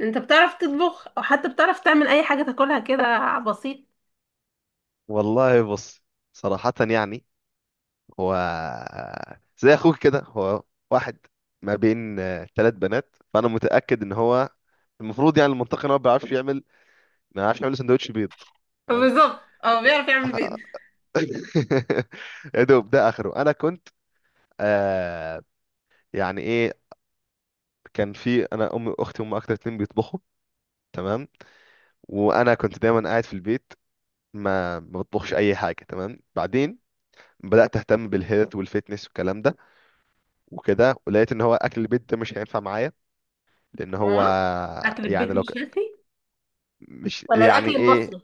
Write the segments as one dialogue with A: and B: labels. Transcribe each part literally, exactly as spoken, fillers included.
A: انت بتعرف تطبخ او حتى بتعرف تعمل اي حاجه تاكلها كده بسيط؟
B: والله بص، صراحة يعني. هو زي اخوك كده. هو واحد ما بين آه، ثلاث بنات، فانا متأكد ان هو المفروض يعني المنطقي ان هو ما بيعرفش يعمل. ما بيعرفش يعمل سندوتش بيض، تمام.
A: بالظبط، اه، بيعرف يعمل بيض.
B: يا دوب ده اخره. انا كنت آه يعني ايه. كان في، انا امي واختي هم اكتر اتنين بيطبخوا، تمام. وانا كنت دايما قاعد في البيت، ما ما بطبخش اي حاجة، تمام. بعدين بدأت اهتم بالهيلث والفيتنس والكلام ده وكده، ولقيت ان هو اكل البيت ده مش هينفع معايا لان هو
A: اه، اكل البيت
B: يعني لو ك...
A: مش شافي.
B: مش،
A: ولا
B: يعني
A: الاكل
B: ايه.
A: المصري؟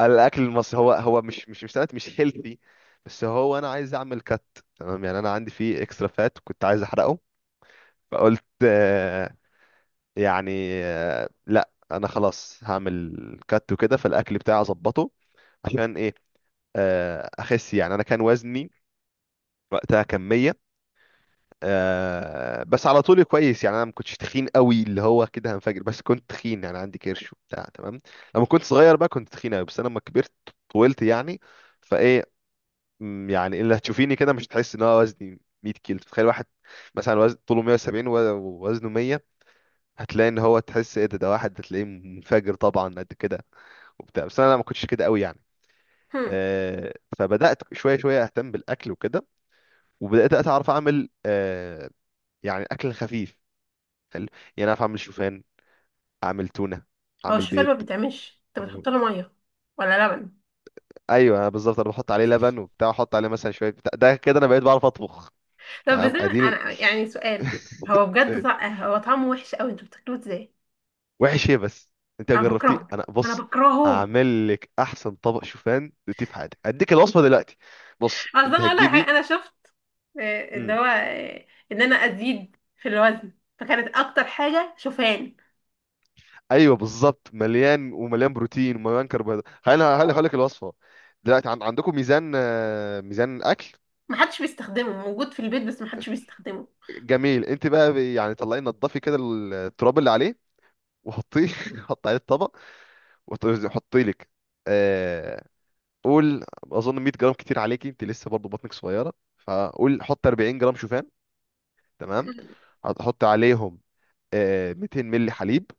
B: الاكل المصري هو هو مش مش مش سمعت مش هيلثي. بس هو انا عايز اعمل كات، تمام. يعني انا عندي فيه اكسترا فات كنت عايز احرقه. فقلت آه، يعني آه، لا، انا خلاص هعمل كات وكده، فالاكل بتاعي اظبطه عشان ايه؟ آه، اخس. يعني انا كان وزني وقتها كمية. آه بس على طول كويس، يعني انا ما كنتش تخين قوي اللي هو كده هنفجر، بس كنت تخين يعني عندي كرش وبتاع، تمام. لما كنت صغير بقى كنت تخين قوي، بس انا لما كبرت طولت يعني، فايه. مم، يعني اللي هتشوفيني كده مش هتحس ان هو وزني مئة كيلو. تخيل واحد مثلا وزن طوله مية وسبعين و- ووزنه مية، هتلاقي ان هو تحس ايه ده ده واحد هتلاقيه منفجر طبعا قد كده وبتاع. بس انا ما كنتش كده قوي يعني.
A: هم.
B: آه فبدات شويه شويه اهتم بالاكل وكده. وبدات اتعرف اعمل آه يعني اكل خفيف حلو. يعني اعرف اعمل شوفان، اعمل تونه،
A: هو
B: اعمل
A: الشوفان
B: بيض.
A: ما بيتعملش؟ انت
B: أنا-
A: بتحط له ميه ولا لبن؟
B: ايوه، أنا بالظبط. انا بحط عليه لبن وبتاع، احط عليه مثلا شويه بتاع ده كده. انا بقيت بعرف اطبخ،
A: طب
B: تمام.
A: ازاي؟
B: اديني.
A: انا يعني سؤال. هو بجد
B: إيه؟
A: طع... هو طعمه وحش قوي، انتوا بتاكلوه ازاي؟
B: وحش ايه بس؟ انت
A: انا
B: جربتيه؟
A: بكرهه.
B: انا
A: انا
B: بص
A: بكرهه.
B: هعمل لك احسن طبق شوفان دوتيه في حياتك. هديك الوصفه دلوقتي. بص
A: اصلا،
B: انت
A: انا اقول لك
B: هتجيبي.
A: حاجة، انا شفت، آه، اللي
B: امم.
A: هو، آه، ان انا ازيد في الوزن، فكانت اكتر حاجه شوفان.
B: ايوه بالظبط، مليان ومليان بروتين ومليان كربوهيدرات. خلينا هقول لك الوصفه دلوقتي. عن... عندكم ميزان، آه، ميزان اكل؟
A: محدش بيستخدمه، موجود في البيت بس محدش بيستخدمه.
B: جميل، انت بقى يعني طلعي نضفي كده التراب اللي عليه، وحطيه. حطي عليه الطبق، وحطي لك آه قول، اظن مية جرام كتير عليكي، انت لسه برضو بطنك صغيره. فقول حط اربعين جرام شوفان، تمام. هتحط عليهم آه ميتين مللي حليب،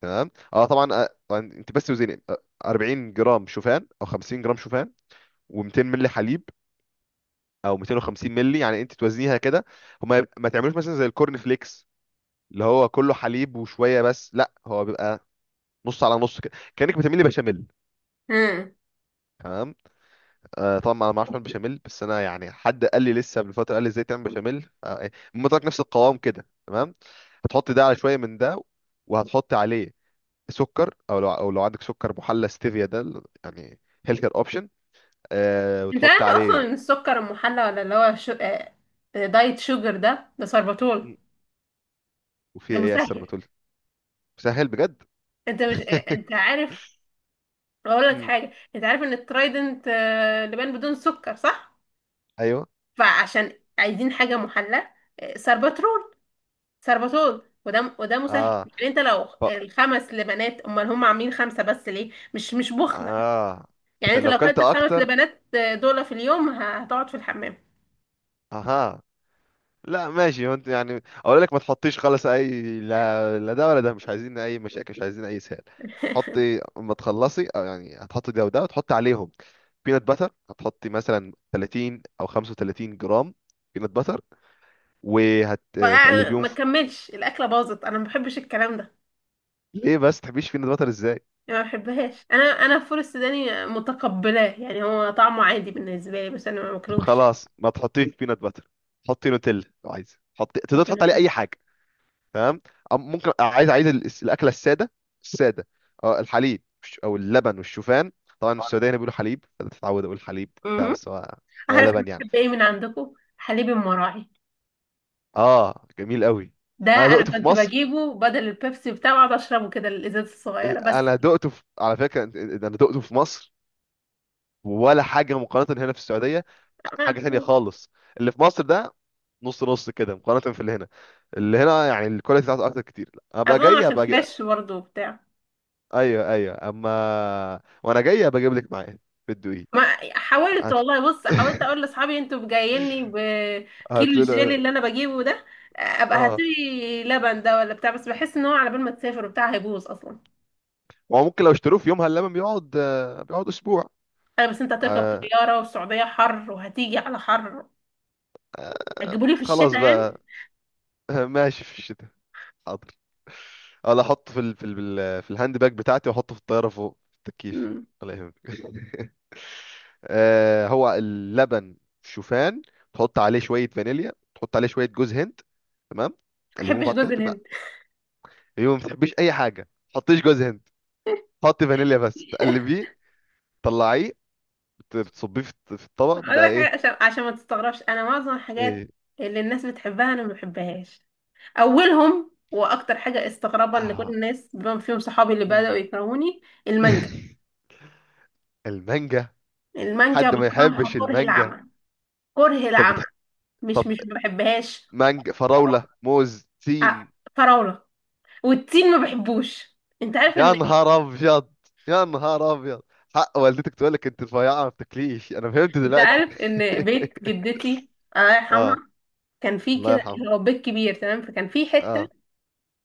B: تمام. اه طبعا، آه طبعاً انت بس وزني، آه، اربعين جرام شوفان او خمسين جرام شوفان، و200 مللي حليب او ميتين وخمسين مللي. يعني انت توزنيها كده. هما ما تعملوش مثلا زي الكورن فليكس اللي هو كله حليب وشويه، بس لا. هو بيبقى نص على نص كده، كانك بتعملي بشاميل،
A: امم.
B: تمام. آه طبعا انا ما اعرفش اعمل بشاميل، بس انا يعني حد قال لي لسه من فتره قال لي ازاي تعمل بشاميل. آه، إيه، المهم، طلعت نفس القوام كده، تمام. هتحطي ده على شويه من ده، وهتحطي عليه سكر، او لو او لو عندك سكر محلى ستيفيا، ده ال- يعني هيلثر اوبشن. آه
A: انت
B: وتحط
A: عارف اصلا
B: عليه.
A: ان السكر المحلى، ولا اللي هو شو... آه، آه، دايت شوجر، ده ده سربتول.
B: مم. وفي
A: ده
B: ايه يا استاذ
A: مسهل.
B: بتقول؟ سهل بجد.
A: انت مش، آه، انت عارف. اقول لك
B: مم.
A: حاجه، انت عارف ان الترايدنت آه، لبان بدون سكر، صح؟
B: ايوه.
A: فعشان عايزين حاجه محلى، آه، سربترول سربتول، وده وده مسهل.
B: اه.
A: يعني انت لو
B: ف...
A: الخمس لبنات، امال هم عاملين خمسه بس ليه مش مش بخل؟
B: اه
A: يعني
B: عشان
A: انت
B: لو
A: لو
B: كلت
A: كانت الخمس
B: اكتر.
A: لبنات آه، دول في اليوم، هتقعد في الحمام.
B: اها. لا ماشي. هو انت يعني اقول لك ما تحطيش خالص اي، لا لا، ده ولا ده، مش عايزين اي مشاكل، مش عايزين اي سهل. حطي اما تخلصي. أو يعني هتحطي ده وده، وتحطي عليهم بينات باتر، هتحطي مثلا ثلاثين او خمسة وثلاثين جرام بينات باتر،
A: وقع
B: وهتقلبيهم
A: ما
B: في...
A: كملش، الاكله باظت، انا ما بحبش الكلام ده.
B: ليه بس تحبيش بينات باتر ازاي؟
A: يعني ما بحبهاش، انا انا الفول السوداني متقبلاه، يعني هو طعمه عادي بالنسبه لي، بس انا ما باكلوش.
B: خلاص ما تحطيش بينات باتر. حطي نوتيلا لو عايزه، حطي تقدر
A: كنت
B: تحط عليه
A: باكله.
B: اي حاجه، تمام. أم- ممكن عايز، عايز ال- الاكله الساده، الساده. اه، الحليب والش- او اللبن والشوفان. طبعا في السعوديه هنا بيقولوا حليب، فتتعود اقول حليب بتاع،
A: أمم.
B: بس هو هو
A: عارف انا
B: لبن يعني.
A: بحب ايه من عندكم؟ حليب المراعي.
B: اه، جميل قوي.
A: ده
B: انا
A: انا
B: دقته في
A: كنت
B: مصر.
A: بجيبه بدل البيبسي، بتاعه اقعد اشربه كده الازاز الصغيره
B: ال-
A: بس.
B: انا دقته في... على فكره، أنت- أنت- انا دقته في مصر، ولا حاجه مقارنه هنا في السعوديه. حاجه تانية خالص. اللي في مصر ده نص نص كده مقارنه في اللي هنا. اللي هنا يعني الكواليتي بتاعته اكتر كتير. ابقى
A: اظن
B: جاي،
A: عشان
B: ابقى جاي.
A: فريش برضه وبتاع.
B: ايوه ايوه، اما وانا جاي ابقى اجيب لك معايا، بتدوقيه.
A: ما حاولت
B: هت...
A: والله، بص، حاولت اقول لاصحابي انتوا جاييني بكيلو الجيلي
B: هتلاقي.
A: اللي انا بجيبه ده، ابقى
B: اه،
A: هاتلي لبن ده ولا بتاع، بس بحس ان هو على بال ما تسافر وبتاع هيبوظ اصلا.
B: ما هو ممكن لو اشتروه في يومها اللبن بيقعد، آه، بيقعد اسبوع.
A: انا بس، انت هتركب
B: آه،
A: طياره والسعوديه حر، وهتيجي على حر. هتجيبوا لي في الشتاء
B: خلاص
A: يعني.
B: بقى. ماشي في الشتاء. حاضر. ولا احطه في ال... في ال... في الهاند باج بتاعتي، واحطه في الطياره فوق في التكييف.
A: مم.
B: ولا يهمك. آه، هو اللبن شوفان، تحط عليه شويه فانيليا، تحط عليه شويه جوز هند، تمام.
A: ما
B: تقلبهم في
A: بحبش
B: بعض كده.
A: جوز
B: بيبقى،
A: الهند.
B: يوم ما تحبيش اي حاجه ما تحطيش جوز هند. حطي فانيليا بس، تقلبيه، تطلعيه، بت- بتصبيه في الط- في الطبق.
A: اقول
B: بيبقى
A: لك حاجه،
B: ايه،
A: عشان عشان ما تستغربش، انا معظم الحاجات
B: ايه.
A: اللي الناس بتحبها انا ما بحبهاش. اولهم واكتر حاجه استغرابا، ان كل
B: آه.
A: الناس بما فيهم صحابي اللي بداوا
B: مم.
A: يكرهوني. المانجا.
B: المانجا.
A: المانجا
B: حد ما
A: بكرهها
B: يحبش
A: كره
B: المانجا؟
A: العمى. كره
B: طب
A: العمى.
B: بتح...
A: مش
B: طب
A: مش ما بحبهاش.
B: مانجا، فراولة، موز،
A: أ-
B: تين.
A: فراولة. والتين ما بحبوش. انت عارف
B: يا
A: ان
B: نهار ابيض. يا نهار ابيضد. حق والدتك تقول لك انت رفيعة ما بتاكليش، انا فهمت
A: انت
B: دلوقتي.
A: عارف ان بيت جدتي، الله يرحمها،
B: اه.
A: كان فيه
B: الله
A: كده
B: يرحمه.
A: اللي هو بيت كبير تمام، فكان فيه حتة،
B: اه.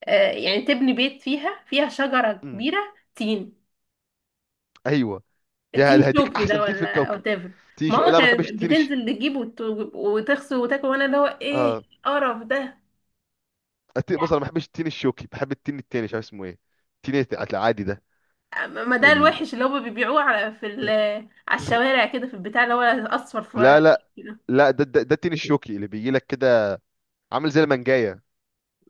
A: آه يعني تبني بيت، فيها فيها شجرة
B: امم.
A: كبيرة، تين.
B: ايوه. يا
A: التين
B: هذا، هديك
A: شوكي
B: احسن
A: ده،
B: تين في
A: ولا
B: الكوكب.
A: whatever؟
B: تين شو؟
A: ماما
B: لا، ما بحبش
A: كانت
B: التين الش...
A: بتنزل تجيب وت- وتغسل وتاكل، وانا اللي هو ايه
B: اه.
A: القرف ده.
B: التين بص، انا ما بحبش التين الشوكي، بحب التين التاني، مش عارف اسمه ايه. التين الت- العادي ده.
A: ما ده
B: ال...
A: الوحش اللي هما بيبيعوه، على في ال... على الشوارع كده، في البتاع اللي هو اصفر في
B: لا لا.
A: كده،
B: لا، ده ده, ده التين الشوكي اللي بيجي لك كده، عامل زي المانجايه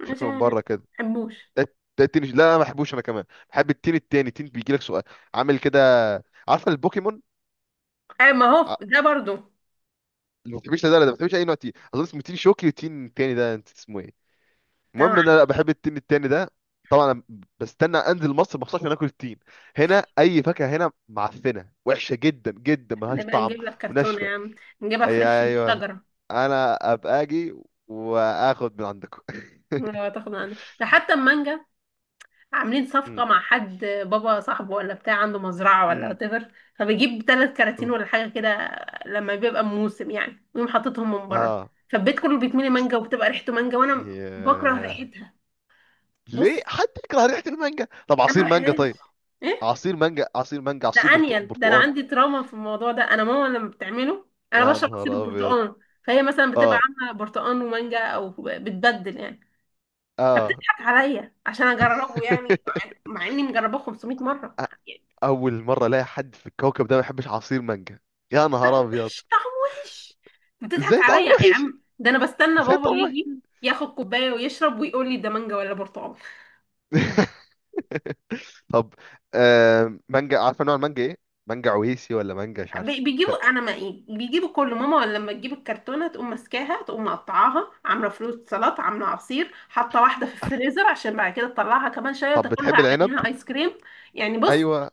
A: مش
B: شكله من بره كده.
A: بحبوش.
B: ده ده التين، لا انا ما بحبوش انا كمان. بحب التين التاني، تين بيجي لك سؤال، عامل كده. عارفه البوكيمون؟
A: أي، ما
B: ع-
A: هو ده برضو.
B: اللي ما بتحبش ده ولا ده؟ ما بتحبش اي نوع تين. اظن اسمه تين شوكي، والتين التاني ده انت اسمه ايه؟
A: أنا
B: المهم ان انا لا
A: عارفة.
B: بحب التين التاني ده. طبعا أنا بستنى انزل مصر مخصوص عشان اكل التين. هنا اي فاكهه هنا معفنه، وحشه جدا جدا، ملهاش
A: نبقى
B: طعم
A: نجيب لك كرتونة
B: وناشفه.
A: يا عم، نجيبها
B: ايوه
A: فريش من
B: ايوه،
A: الشجرة.
B: انا ابقى اجي واخد من عندكم.
A: لو تاخد من عندنا، ده حتى المانجا، عاملين صفقة مع حد، بابا صاحبه ولا بتاع عنده مزرعة ولا whatever، فبيجيب ثلاث كراتين ولا حاجة كده لما بيبقى موسم يعني، ويقوم حاططهم من بره،
B: ها.
A: فالبيت كله بيتملي مانجا، وبتبقى ريحته مانجا، وانا بكره
B: ياه.
A: ريحتها.
B: ليه
A: بص،
B: حد يكره ريحة المانجا؟ طب
A: انا
B: عصير
A: ما
B: مانجا
A: بحبهاش.
B: طيب؟
A: ايه؟
B: عصير مانجا، عصير مانجا،
A: ده
B: عصير برتق...
A: انيل، ده انا
B: برتقان.
A: عندي تراما في الموضوع ده. انا ماما لما بتعمله انا
B: يا
A: بشرب
B: نهار
A: عصير
B: ابيض.
A: البرتقال، فهي مثلا بتبقى
B: اه.
A: عامله برتقال ومانجا، او بتبدل يعني،
B: اه.
A: فبتضحك عليا عشان اجربه، يعني مع اني مجرباه خمسمية مره،
B: أ-
A: يعني
B: اول مرة الاقي حد في الكوكب ده ما يحبش عصير مانجا. يا
A: طعم
B: نهار ابيض.
A: وحش، طعم وحش. بتضحك
B: ازاي طعم
A: عليا يا
B: وحش؟
A: عم، ده انا بستنى
B: ازاي
A: بابا
B: طعم وحش؟
A: يجي ياخد كوبايه ويشرب ويقول لي ده مانجا ولا برتقال؟
B: طب آه مانجا، عارفة نوع المانجا ايه؟ مانجا عويسي، ولا مانجا مش
A: بي-
B: عارف. لا.
A: بيجيبوا، انا ما إيه، بيجيبوا كله. ماما لما تجيب الكرتونه تقوم ماسكاها، تقوم مقطعاها، عامله فروت سلطه، عامله عصير، حاطه واحده في الفريزر عشان بعد كده تطلعها كمان شويه
B: طب
A: وتاكلها
B: بتحب
A: على
B: العنب؟
A: انها ايس كريم. يعني بص،
B: ايوه،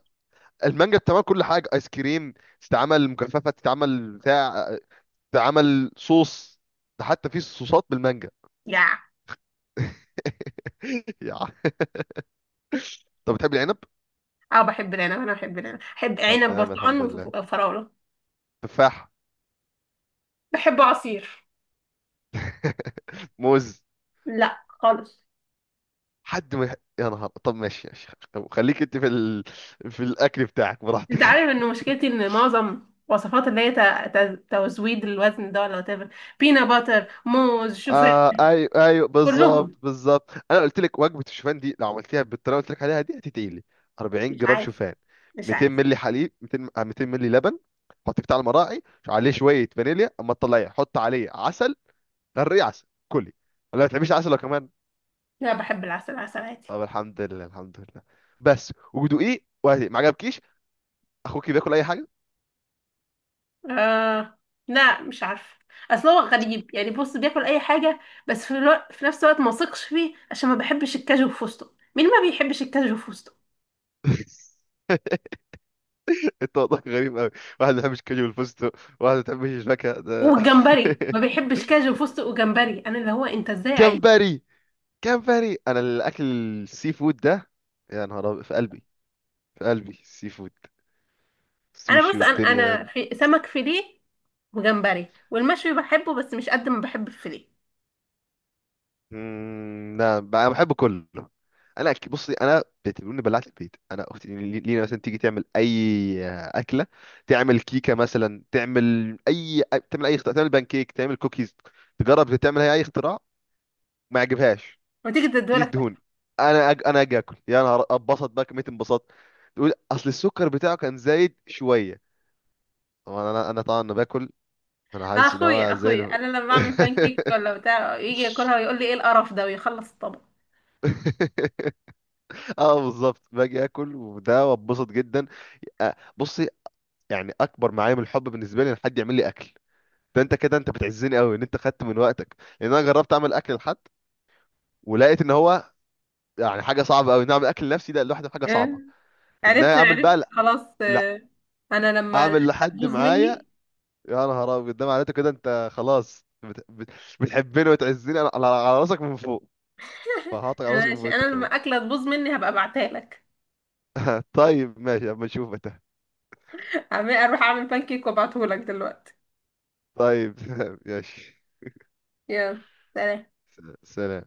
B: المانجا بتعمل كل حاجه، ايس كريم، تتعمل مجففه، تتعمل بتاع، ده عمل صوص. ده حتى في صوصات بالمانجا.
A: يا،
B: يا عم. طب بتحب العنب؟
A: اه، بحب العنب. انا بحب العنب، بحب
B: طب
A: عنب،
B: تمام،
A: برتقال،
B: الحمد
A: وف-
B: لله.
A: وفراوله.
B: تفاح.
A: بحب عصير.
B: موز.
A: لا خالص.
B: حد ما يح- يا نهار. طب ماشي ماشي، طب خليك انت في ال... في الاكل بتاعك
A: انت عارف
B: براحتك.
A: ان مشكلتي، ان معظم وصفات اللي هي ت- ت- تزويد الوزن ده ولا whatever، بينا باتر، موز، شوفان،
B: آه ايوه ايوه بالظبط
A: كلهم.
B: بالظبط. انا قلت لك وجبه الشوفان دي لو عملتيها بالطريقه اللي قلت لك عليها دي هتتقلي. اربعين
A: مش
B: جرام
A: عايز.
B: شوفان،
A: مش
B: ميتين
A: عايز.
B: مللي حليب، ميتين م- آه، ميتين مللي لبن. حطيه بتاع المراعي. عليه شويه فانيليا، اما تطلعيه حط عليه عسل، غرقيه عسل كلي. ولا ما بتحبيش عسل لو كمان؟
A: لا، بحب العسل، عسل عادي.
B: طب الحمد لله الحمد لله. بس ودوقيه، وهدي ما عجبكيش، اخوكي بياكل اي حاجه.
A: آه. لا مش عارفة. اصل هو غريب، يعني بص بياكل اي حاجة، بس في, الوقت في نفس الوقت ما ثقش فيه، عشان ما بحبش الكاجو وفستق. مين ما بيحبش الكاجو وفستق
B: انت وضعك غريب قوي. واحد ما بيحبش كاجو والفستق، واحد ما بيحبش الفاكهه ده.
A: والجمبري؟ ما بيحبش كاجو وفستق وجمبري، انا اللي هو انت ازاي عايز؟
B: كامباري. كامباري، انا الاكل السي فود ده، يا نهار أبيض، في قلبي، في قلبي السي فود،
A: انا
B: سوشي
A: بص، انا انا
B: والدنيا.
A: في سمك فيليه وجمبري والمشوي بحبه، بس مش قد ما بحب الفيليه.
B: مم، لا بقى. انا بحب كله. انا أك- بصي، انا بتقولني بلعت البيت. انا اختي لي- لينا مثلا تيجي تعمل اي اكله، تعمل كيكه مثلا، تعمل اي، تعمل اي اختراع، تعمل بانكيك، تعمل كوكيز، تجرب تعمل هي اي اختراع ما يعجبهاش.
A: وتيجي
B: تيجي
A: تدولك.
B: دهون، انا أج... انا اجي اكل، يا نهار اتبسط بقى كميه انبساط. تقول اصل السكر بتاعه كان زايد شويه. طبعا انا، انا طبعا أنا باكل. انا حاسس ان
A: اخويا
B: هو زي
A: اخويا
B: الف-
A: انا لما بعمل بان كيك ولا بتاع يجي ياكلها ويقول لي ايه القرف ده، ويخلص الطبق.
B: اه بالظبط، باجي اكل وده، واتبسط جدا. آه، بصي، يعني اكبر معايا من الحب بالنسبه لي ان حد يعمل لي اكل. ده انت كده، انت بتعزني قوي ان انت خدت من وقتك، لان انا جربت اعمل اكل لحد، ولقيت ان هو يعني حاجه صعبه قوي ان اعمل اكل لنفسي ده لوحده، حاجه صعبه ان انا
A: عرفت،
B: اعمل
A: عرفت،
B: بقى. لا،
A: خلاص.
B: لا،
A: آه، انا لما
B: اعمل
A: الاكله
B: لحد
A: تبوظ
B: معايا؟
A: مني.
B: يا نهار ابيض، ده معناته كده انت خلاص بت... بت... بتحبني وتعزني على على- على راسك من فوق، فهعطيك على راسي من
A: ماشي،
B: فوق انت
A: انا لما
B: كمان.
A: الاكله تبوظ مني هبقى ابعتها لك.
B: طيب ماشي، اما اشوفك.
A: أعمل- اروح اعمل بانكيك وابعته لك دلوقتي.
B: طيب ماشي.
A: يلا. سلام.
B: س- سلام.